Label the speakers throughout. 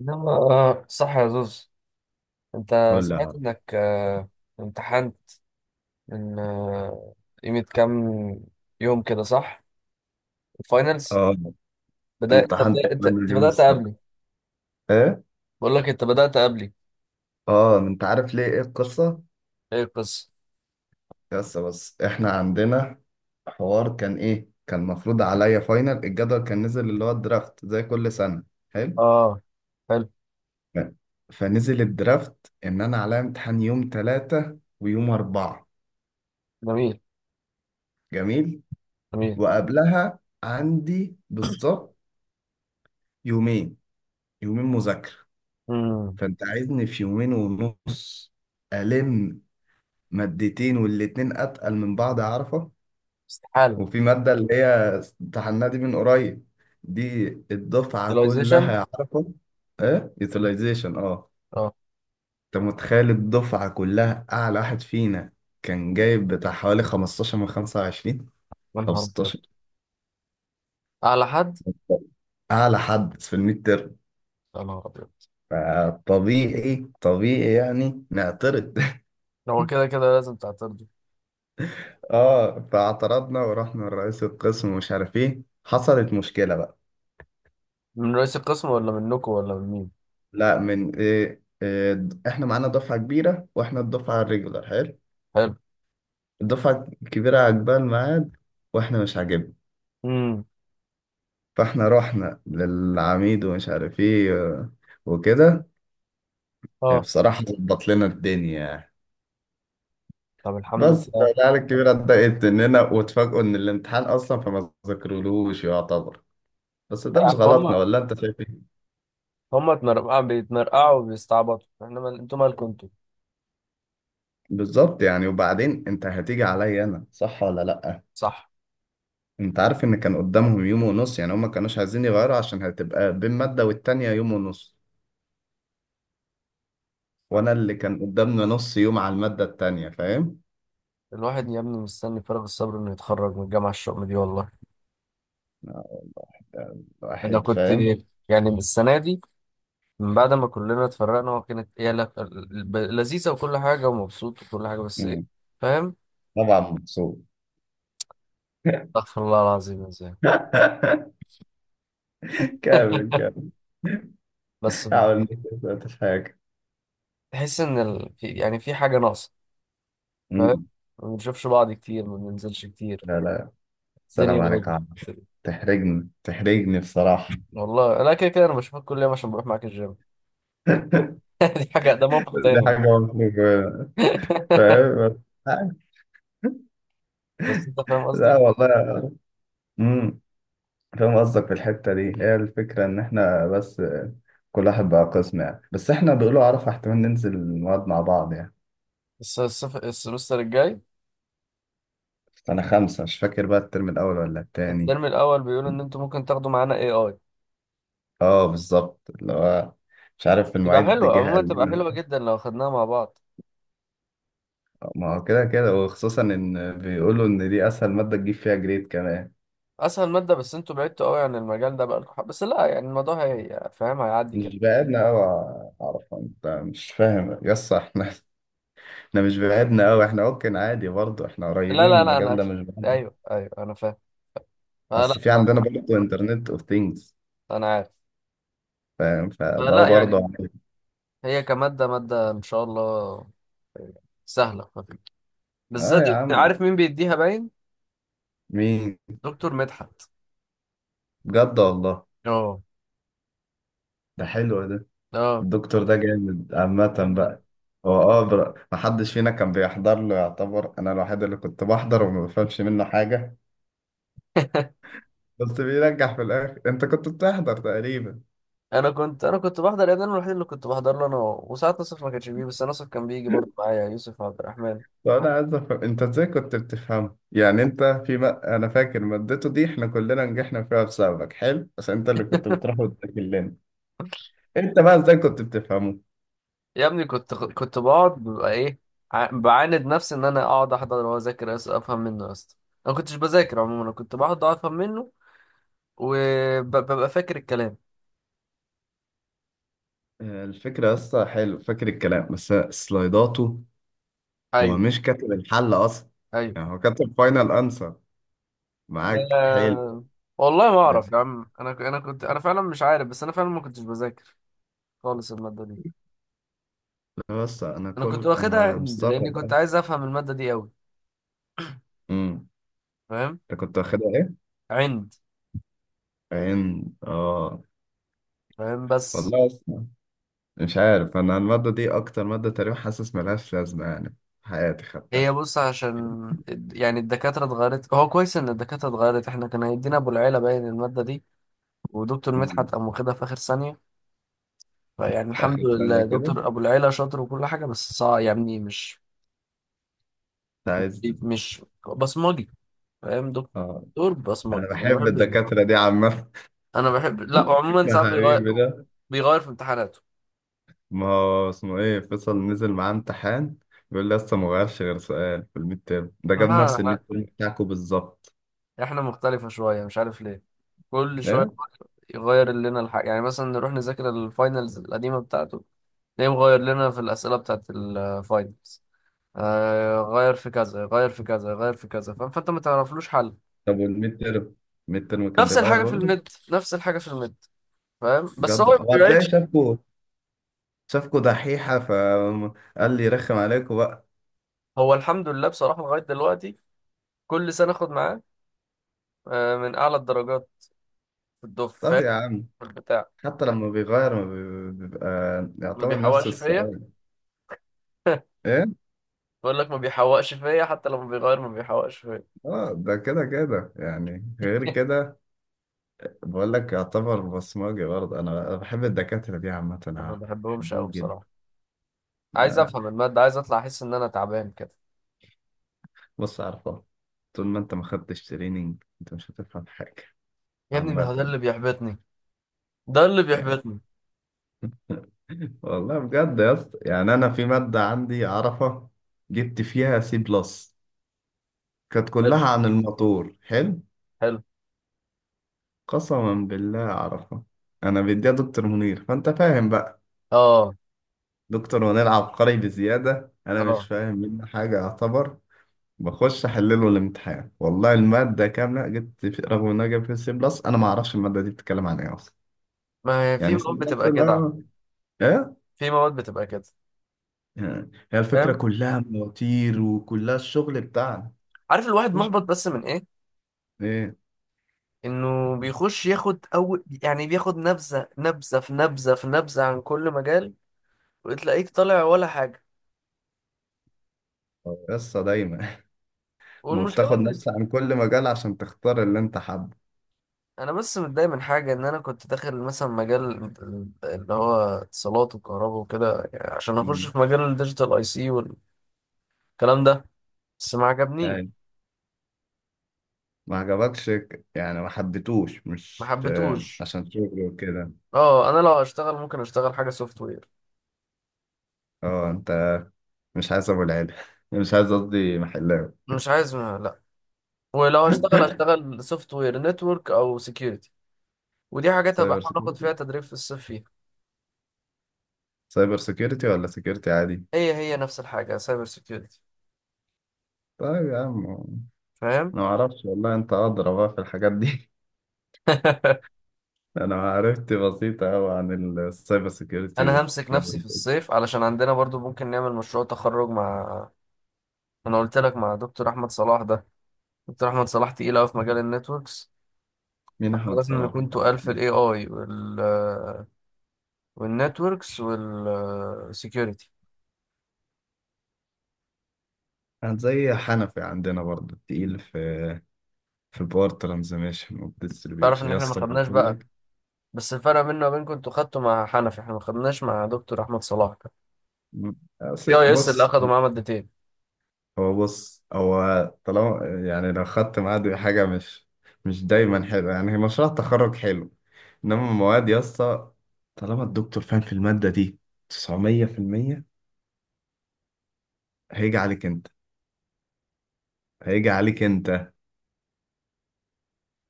Speaker 1: يلا آه صح يا زوز. انت
Speaker 2: ولا.
Speaker 1: سمعت انك امتحان من قيمة كام يوم كده، صح؟ الفاينلز.
Speaker 2: اه،
Speaker 1: بدأت انت
Speaker 2: امتحنت
Speaker 1: بدأت انت
Speaker 2: بلد
Speaker 1: انت
Speaker 2: اليوم
Speaker 1: بدأت
Speaker 2: السبت.
Speaker 1: قبلي.
Speaker 2: ايه؟
Speaker 1: بقول لك، انت بدأت قبلي.
Speaker 2: اه انت عارف ليه، ايه القصه؟
Speaker 1: ايه القصة؟
Speaker 2: بس احنا عندنا حوار، كان ايه، كان مفروض عليا فاينل، الجدول كان نزل اللي هو الدرافت زي كل سنه. حلو.
Speaker 1: اه، حلو.
Speaker 2: ف- فنزل الدرافت ان انا عليا امتحان يوم ثلاثة ويوم أربعة.
Speaker 1: جميل
Speaker 2: جميل.
Speaker 1: جميل.
Speaker 2: وقبلها عندي بالظبط يومين، مذاكره.
Speaker 1: امم.
Speaker 2: فانت عايزني في يومين ونص الم مادتين والاتنين اتقل من بعض، عارفه؟
Speaker 1: استحالة.
Speaker 2: وفي ماده اللي هي امتحناها دي من قريب، دي الدفعه
Speaker 1: utilization.
Speaker 2: كلها عارفه. ايه، يوتيلايزيشن اه.
Speaker 1: اه.
Speaker 2: انت متخيل الدفعه كلها اعلى واحد فينا كان جايب بتاع حوالي 15 من 25
Speaker 1: يا
Speaker 2: او
Speaker 1: نهار ابيض.
Speaker 2: 16؟
Speaker 1: اعلى حد.
Speaker 2: اعلى حد في الميد تيرم.
Speaker 1: يا نهار ابيض.
Speaker 2: فطبيعي يعني نعترض.
Speaker 1: هو كده كده لازم تعترضوا.
Speaker 2: اه فاعترضنا ورحنا لرئيس القسم ومش عارف ايه، حصلت مشكله بقى.
Speaker 1: من رئيس القسم ولا منكم ولا من مين؟
Speaker 2: لا، من إيه إحنا معانا دفعة كبيرة وإحنا الدفعة الريجولار. حلو.
Speaker 1: حلو.
Speaker 2: الدفعة الكبيرة عجبها الميعاد وإحنا مش عاجبنا.
Speaker 1: امم.
Speaker 2: فإحنا رحنا للعميد ومش عارف إيه، وكده. يعني
Speaker 1: اه.
Speaker 2: بصراحة ظبط لنا الدنيا يعني.
Speaker 1: طب الحمد لله،
Speaker 2: بس
Speaker 1: إيه.
Speaker 2: فالعيال الكبيرة اتضايقت مننا واتفاجئوا إن الامتحان أصلا فما ذاكرولوش يعتبر، بس ده
Speaker 1: يا
Speaker 2: مش
Speaker 1: عم،
Speaker 2: غلطنا، ولا أنت شايف إيه؟
Speaker 1: هما اتنرقعوا بيتنرقعوا وبيستعبطوا. انتوا مالكم انتوا.
Speaker 2: بالظبط يعني. وبعدين أنت هتيجي عليا أنا، صح ولا لأ؟
Speaker 1: صح.
Speaker 2: انت عارف ان كان قدامهم يوم ونص، يعني هما كانوش عايزين يغيروا عشان هتبقى بين مادة والتانية يوم ونص، وانا
Speaker 1: صح.
Speaker 2: اللي كان قدامنا نص يوم على المادة التانية، فاهم؟
Speaker 1: الواحد يا ابني مستني فارغ الصبر انه يتخرج من الجامعة الشؤم دي، والله.
Speaker 2: آه،
Speaker 1: انا
Speaker 2: الواحد
Speaker 1: كنت
Speaker 2: فاهم.
Speaker 1: يعني من السنة دي، من بعد ما كلنا اتفرقنا، وكانت لذيذة وكل حاجة ومبسوط وكل حاجة، بس ايه.
Speaker 2: مم.
Speaker 1: فاهم.
Speaker 2: طبعا مبسوط.
Speaker 1: استغفر الله العظيم، ازاي؟
Speaker 2: كامل كامل.
Speaker 1: بس
Speaker 2: حاول،
Speaker 1: يعني
Speaker 2: ما في حاجة.
Speaker 1: تحس ان يعني في حاجة ناقصة. فاهم.
Speaker 2: مم.
Speaker 1: ما بنشوفش بعض كتير، ما بننزلش كتير.
Speaker 2: لا لا،
Speaker 1: الدنيا
Speaker 2: سلام عليك
Speaker 1: بايظة.
Speaker 2: يا عم. تحرجني، تحرجني بصراحة.
Speaker 1: والله انا كده كده انا بشوفك كل يوم عشان بروح معاك الجيم. دي حاجة، ده موقف
Speaker 2: دي حاجة
Speaker 1: تاني.
Speaker 2: مفروض، فاهم.
Speaker 1: بس انت فاهم
Speaker 2: لا
Speaker 1: قصدي.
Speaker 2: والله. مم. فاهم قصدك، في الحتة دي هي الفكرة، إن إحنا بس كل واحد بقى قسم يعني، بس إحنا بيقولوا عرفة احتمال ننزل المواد مع بعض يعني.
Speaker 1: السمستر الجاي.
Speaker 2: أنا خمسة مش فاكر بقى الترم الأول ولا التاني.
Speaker 1: الترم الاول بيقول ان انتوا ممكن تاخدوا معانا اي اي.
Speaker 2: أه بالظبط اللي هو، مش عارف،
Speaker 1: تبقى
Speaker 2: المعيد
Speaker 1: حلوة
Speaker 2: جه
Speaker 1: عموما،
Speaker 2: قال
Speaker 1: تبقى
Speaker 2: لنا.
Speaker 1: حلوة جدا لو خدناها مع بعض.
Speaker 2: ما هو كده كده، وخصوصا إن بيقولوا إن دي أسهل مادة تجيب فيها جريد كمان.
Speaker 1: اسهل مادة، بس انتوا بعدتوا قوي عن المجال ده بقالكم، بس لا، يعني الموضوع هي، فاهم، هيعدي كده.
Speaker 2: مش بعدنا أوي. عرفة أنت مش فاهم، يس إحنا إحنا مش بعدنا أوي، إحنا ممكن عادي برضه، إحنا
Speaker 1: لا
Speaker 2: قريبين من
Speaker 1: لا لا
Speaker 2: المجال
Speaker 1: انا.
Speaker 2: ده مش بعيد.
Speaker 1: ايوه ايوه انا فاهم. آه لا،
Speaker 2: اصل في عندنا
Speaker 1: ما
Speaker 2: برضه انترنت اوف ثينجز،
Speaker 1: انا عارف.
Speaker 2: فاهم،
Speaker 1: آه
Speaker 2: فده
Speaker 1: لا
Speaker 2: برضه
Speaker 1: يعني هي كمادة مادة ان شاء الله سهلة خفيفة.
Speaker 2: اه
Speaker 1: بالذات
Speaker 2: يا
Speaker 1: انت
Speaker 2: عم،
Speaker 1: عارف مين بيديها باين؟
Speaker 2: مين؟
Speaker 1: دكتور مدحت.
Speaker 2: بجد والله؟
Speaker 1: اه.
Speaker 2: ده حلو ده.
Speaker 1: اه
Speaker 2: الدكتور ده جامد عامة بقى. هو اه محدش فينا كان بيحضر له يعتبر، انا الوحيد اللي كنت بحضر وما بفهمش منه حاجة بس بينجح في الاخر. انت كنت بتحضر تقريبا.
Speaker 1: انا كنت بحضر يا ابني. أنا الوحيد اللي كنت بحضر له، انا هو. وساعات نصف ما كانش بيجي، بس نصف كان بيجي برضه معايا يوسف عبد الرحمن.
Speaker 2: طب انا عايز افهم انت ازاي كنت بتفهم؟ يعني انت في ما... انا فاكر مادته دي احنا كلنا نجحنا فيها بسببك، حلو، بس انت اللي كنت بتروح وتذاكر لنا. انت بقى ازاي كنت بتفهمه؟
Speaker 1: يا ابني كنت بقعد ببقى ايه، بعاند نفسي ان انا اقعد احضر واذاكر، افهم منه يا اسطى. انا كنتش بذاكر عموما، انا كنت بقعد افهم منه وببقى فاكر الكلام.
Speaker 2: آه، الفكرة لسه حلو، فاكر الكلام، بس سلايداته هو
Speaker 1: ايوه
Speaker 2: مش كاتب الحل أصلا.
Speaker 1: ايوه.
Speaker 2: يعني هو كاتب فاينل أنسر معاك، حلو.
Speaker 1: آه، والله ما اعرف يا
Speaker 2: ده
Speaker 1: عم، انا فعلا مش عارف، بس انا فعلا ما كنتش بذاكر خالص الماده دي.
Speaker 2: بس أنا
Speaker 1: انا كنت
Speaker 2: كل...
Speaker 1: واخدها
Speaker 2: أنا
Speaker 1: عند، لاني
Speaker 2: مستغرب
Speaker 1: كنت
Speaker 2: أوي.
Speaker 1: عايز افهم الماده دي قوي.
Speaker 2: أمم.
Speaker 1: فاهم.
Speaker 2: أنت كنت واخدها إيه؟
Speaker 1: عند.
Speaker 2: عين آه.
Speaker 1: فاهم بس.
Speaker 2: والله أصلا مش عارف، أنا المادة دي أكتر مادة تقريبا حاسس ملهاش لازمة يعني في حياتي
Speaker 1: هي
Speaker 2: خدتها.
Speaker 1: بص، عشان يعني الدكاترة اتغيرت، هو كويس إن الدكاترة اتغيرت. احنا كان هيدينا أبو العيلة باين المادة دي، ودكتور
Speaker 2: أمم.
Speaker 1: مدحت قام واخدها في آخر ثانية. فيعني الحمد
Speaker 2: آخر ثانية
Speaker 1: لله،
Speaker 2: كده؟
Speaker 1: دكتور أبو العيلة شاطر وكل حاجة، بس صعب، يعني مش
Speaker 2: أنت عايز؟
Speaker 1: مش بصمجي. فاهم،
Speaker 2: آه.
Speaker 1: دكتور
Speaker 2: أنا
Speaker 1: بصمجي، أنا ما
Speaker 2: بحب
Speaker 1: بحبش ده.
Speaker 2: الدكاترة دي عامة.
Speaker 1: أنا بحب، لا، وعموما
Speaker 2: يا
Speaker 1: ساعات
Speaker 2: حبيبي ده.
Speaker 1: بيغير في امتحاناته.
Speaker 2: ما هو اسمه ايه، فيصل، نزل معاه امتحان، بيقول لي لسه ما غيرش، غير سؤال في الميد تيرم، ده جاب
Speaker 1: ها
Speaker 2: نفس الميد
Speaker 1: لا،
Speaker 2: تيرم بتاعكم بالظبط.
Speaker 1: احنا مختلفة شوية، مش عارف ليه. كل شوية
Speaker 2: ايه؟
Speaker 1: يغير لنا الحاجة، يعني مثلا نروح نذاكر الفاينلز القديمة بتاعته، ليه مغير لنا في الأسئلة بتاعت الفاينلز؟ آه، غير في كذا، غير في كذا، غير في كذا، فاهم، فأنت ما تعرفلوش حل.
Speaker 2: طب والميد تيرم، الميد تيرم كان
Speaker 1: نفس
Speaker 2: بيغير
Speaker 1: الحاجة في
Speaker 2: برضه؟
Speaker 1: النت، نفس الحاجة في النت. فاهم، بس هو
Speaker 2: بجد؟
Speaker 1: ما
Speaker 2: هو هتلاقي
Speaker 1: بيبعدش.
Speaker 2: شافكوا دحيحة فقال لي رخم عليكم بقى.
Speaker 1: هو الحمد لله بصراحة، لغاية دلوقتي كل سنة أخد معاه من أعلى الدرجات في الدفعة،
Speaker 2: طب
Speaker 1: فاهم،
Speaker 2: يا عم.
Speaker 1: في البتاع.
Speaker 2: حتى لما بيغير ما بي- بيبقى
Speaker 1: ما
Speaker 2: يعتبر نفس
Speaker 1: بيحوقش فيا.
Speaker 2: السؤال. ايه؟
Speaker 1: بقول لك، ما بيحوقش فيا، حتى لما بيغير ما بيحوقش فيا.
Speaker 2: اه ده كده كده يعني، غير كده. بقول لك يعتبر بصمجي برضه. أنا بحب الدكاترة دي عامة، أنا
Speaker 1: أنا ما
Speaker 2: عارف،
Speaker 1: بحبهمش أوي
Speaker 2: بحبهم
Speaker 1: بصراحة. عايز
Speaker 2: جدا.
Speaker 1: أفهم المادة، عايز أطلع أحس إن أنا تعبان كده.
Speaker 2: بص عارفة، طول ما انت ما خدتش تريننج انت مش هتفهم حاجة
Speaker 1: يا ابني، ما هو ده
Speaker 2: عامة
Speaker 1: اللي بيحبطني، ده اللي
Speaker 2: يعني.
Speaker 1: بيحبطني.
Speaker 2: والله بجد يا اسطى، يعني انا في مادة عندي عرفة، جبت فيها سي بلس، كانت
Speaker 1: حلو.
Speaker 2: كلها عن الموتور، حلو،
Speaker 1: حلو.
Speaker 2: قسما بالله عرفة، انا بديها دكتور منير، فانت فاهم بقى.
Speaker 1: اه.
Speaker 2: دكتور منير عبقري بزيادة، انا مش
Speaker 1: اه.
Speaker 2: فاهم منه حاجة يعتبر. بخش احلله الامتحان، والله المادة كاملة جبت في... رغم ان انا جايب فيها سي بلس انا ما اعرفش المادة دي بتتكلم عن ايه اصلا.
Speaker 1: ما هي في
Speaker 2: يعني سي
Speaker 1: مواد
Speaker 2: بلس
Speaker 1: بتبقى كده،
Speaker 2: اه. إيه؟
Speaker 1: في مواد بتبقى كده.
Speaker 2: آه، هي الفكرة
Speaker 1: فاهم.
Speaker 2: كلها مواتير وكلها الشغل بتاعنا.
Speaker 1: عارف الواحد محبط بس من ايه؟
Speaker 2: ايه؟
Speaker 1: انه بيخش ياخد اول، يعني بياخد نبذه نبذه في نبذه في نبذه عن كل مجال، وتلاقيك طالع ولا حاجه.
Speaker 2: قصة دايما. ما
Speaker 1: والمشكله
Speaker 2: بتاخد
Speaker 1: ان
Speaker 2: نفس عن كل مجال عشان تختار اللي انت حابه.
Speaker 1: انا، بس متضايق من حاجه، ان انا كنت داخل مثلا مجال اللي هو اتصالات وكهرباء وكده، يعني عشان اخش
Speaker 2: مم.
Speaker 1: في مجال الديجيتال اي سي والكلام ده، بس ما عجبنيش،
Speaker 2: ايوه. ما عجبكش يعني ما حبيتوش،
Speaker 1: ما
Speaker 2: مش آه،
Speaker 1: حبيتهوش.
Speaker 2: عشان شغل وكده.
Speaker 1: اه، انا لو هشتغل ممكن اشتغل حاجه سوفت وير.
Speaker 2: اه انت مش عايز ابو العيلة. مش عايز، قصدي محلاوي.
Speaker 1: مش عايز، ما لا، ولو هشتغل هشتغل سوفت وير نتورك او سكيورتي، ودي حاجات هبقى
Speaker 2: سايبر
Speaker 1: احاول اخد
Speaker 2: سيكيورتي،
Speaker 1: فيها تدريب في الصيف فيها.
Speaker 2: سايبر سيكيورتي ولا سيكيورتي عادي؟
Speaker 1: هي هي نفس الحاجه، سايبر سكيورتي.
Speaker 2: طيب يا عم،
Speaker 1: فاهم.
Speaker 2: انا ما اعرفش والله، انت ادرى بقى في الحاجات دي. انا معرفتي بسيطة قوي عن السايبر سيكيورتي
Speaker 1: انا همسك نفسي في
Speaker 2: والكلام.
Speaker 1: الصيف علشان عندنا برضو ممكن نعمل مشروع تخرج مع، انا قلت لك، مع دكتور احمد صلاح ده. دكتور احمد صلاح تقيل قوي في مجال النتوركس،
Speaker 2: مين
Speaker 1: فاحنا
Speaker 2: احمد
Speaker 1: لازم
Speaker 2: صلاح؟
Speaker 1: نكون تقال في الاي اي والنتوركس والسكيورتي.
Speaker 2: كان زي حنفي عندنا برضه، تقيل في في الباور ترانزميشن
Speaker 1: تعرف
Speaker 2: والديستريبيوشن،
Speaker 1: ان
Speaker 2: يا
Speaker 1: احنا ما
Speaker 2: اسطى
Speaker 1: خدناش
Speaker 2: بقول
Speaker 1: بقى،
Speaker 2: لك.
Speaker 1: بس الفرق بيننا وبينكم انتوا خدتوا مع حنفي، احنا ما خدناش مع دكتور احمد صلاح. يا يس اللي
Speaker 2: بص
Speaker 1: اخدوا معاه مادتين.
Speaker 2: هو، بص هو، طالما يعني لو خدت معاه حاجه مش، مش دايما حلوه يعني، هي مشروع تخرج حلو انما المواد يا اسطى، طالما الدكتور فاهم في الماده دي 900%، هيجي عليك انت، هيجي عليك انت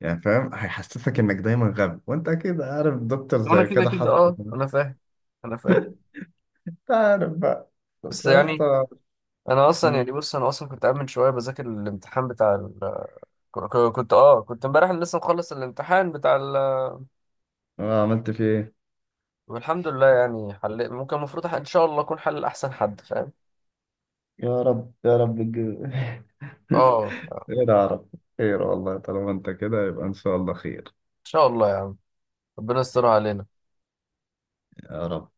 Speaker 2: يعني، فاهم، هيحسسك انك دايما غبي، وانت اكيد عارف دكتور
Speaker 1: وانا
Speaker 2: زي
Speaker 1: كده
Speaker 2: كده
Speaker 1: كده،
Speaker 2: حصل.
Speaker 1: انا فاهم. انا فاهم.
Speaker 2: تعرف بقى، طب
Speaker 1: بس
Speaker 2: يا
Speaker 1: يعني
Speaker 2: اسطى.
Speaker 1: انا اصلا يعني
Speaker 2: مم.
Speaker 1: بص انا اصلا كنت قاعد من شويه بذاكر الامتحان بتاع كنت امبارح لسه مخلص الامتحان بتاع
Speaker 2: آه، عملت فيه ايه؟
Speaker 1: والحمد لله، يعني حل ممكن، المفروض ان شاء الله اكون حل احسن حد، فاهم.
Speaker 2: يا رب يا رب
Speaker 1: اه ان
Speaker 2: خير يا رب، خير والله، طالما انت كده يبقى ان شاء الله خير.
Speaker 1: شاء الله يا عم، ربنا يستر علينا.
Speaker 2: يا رب.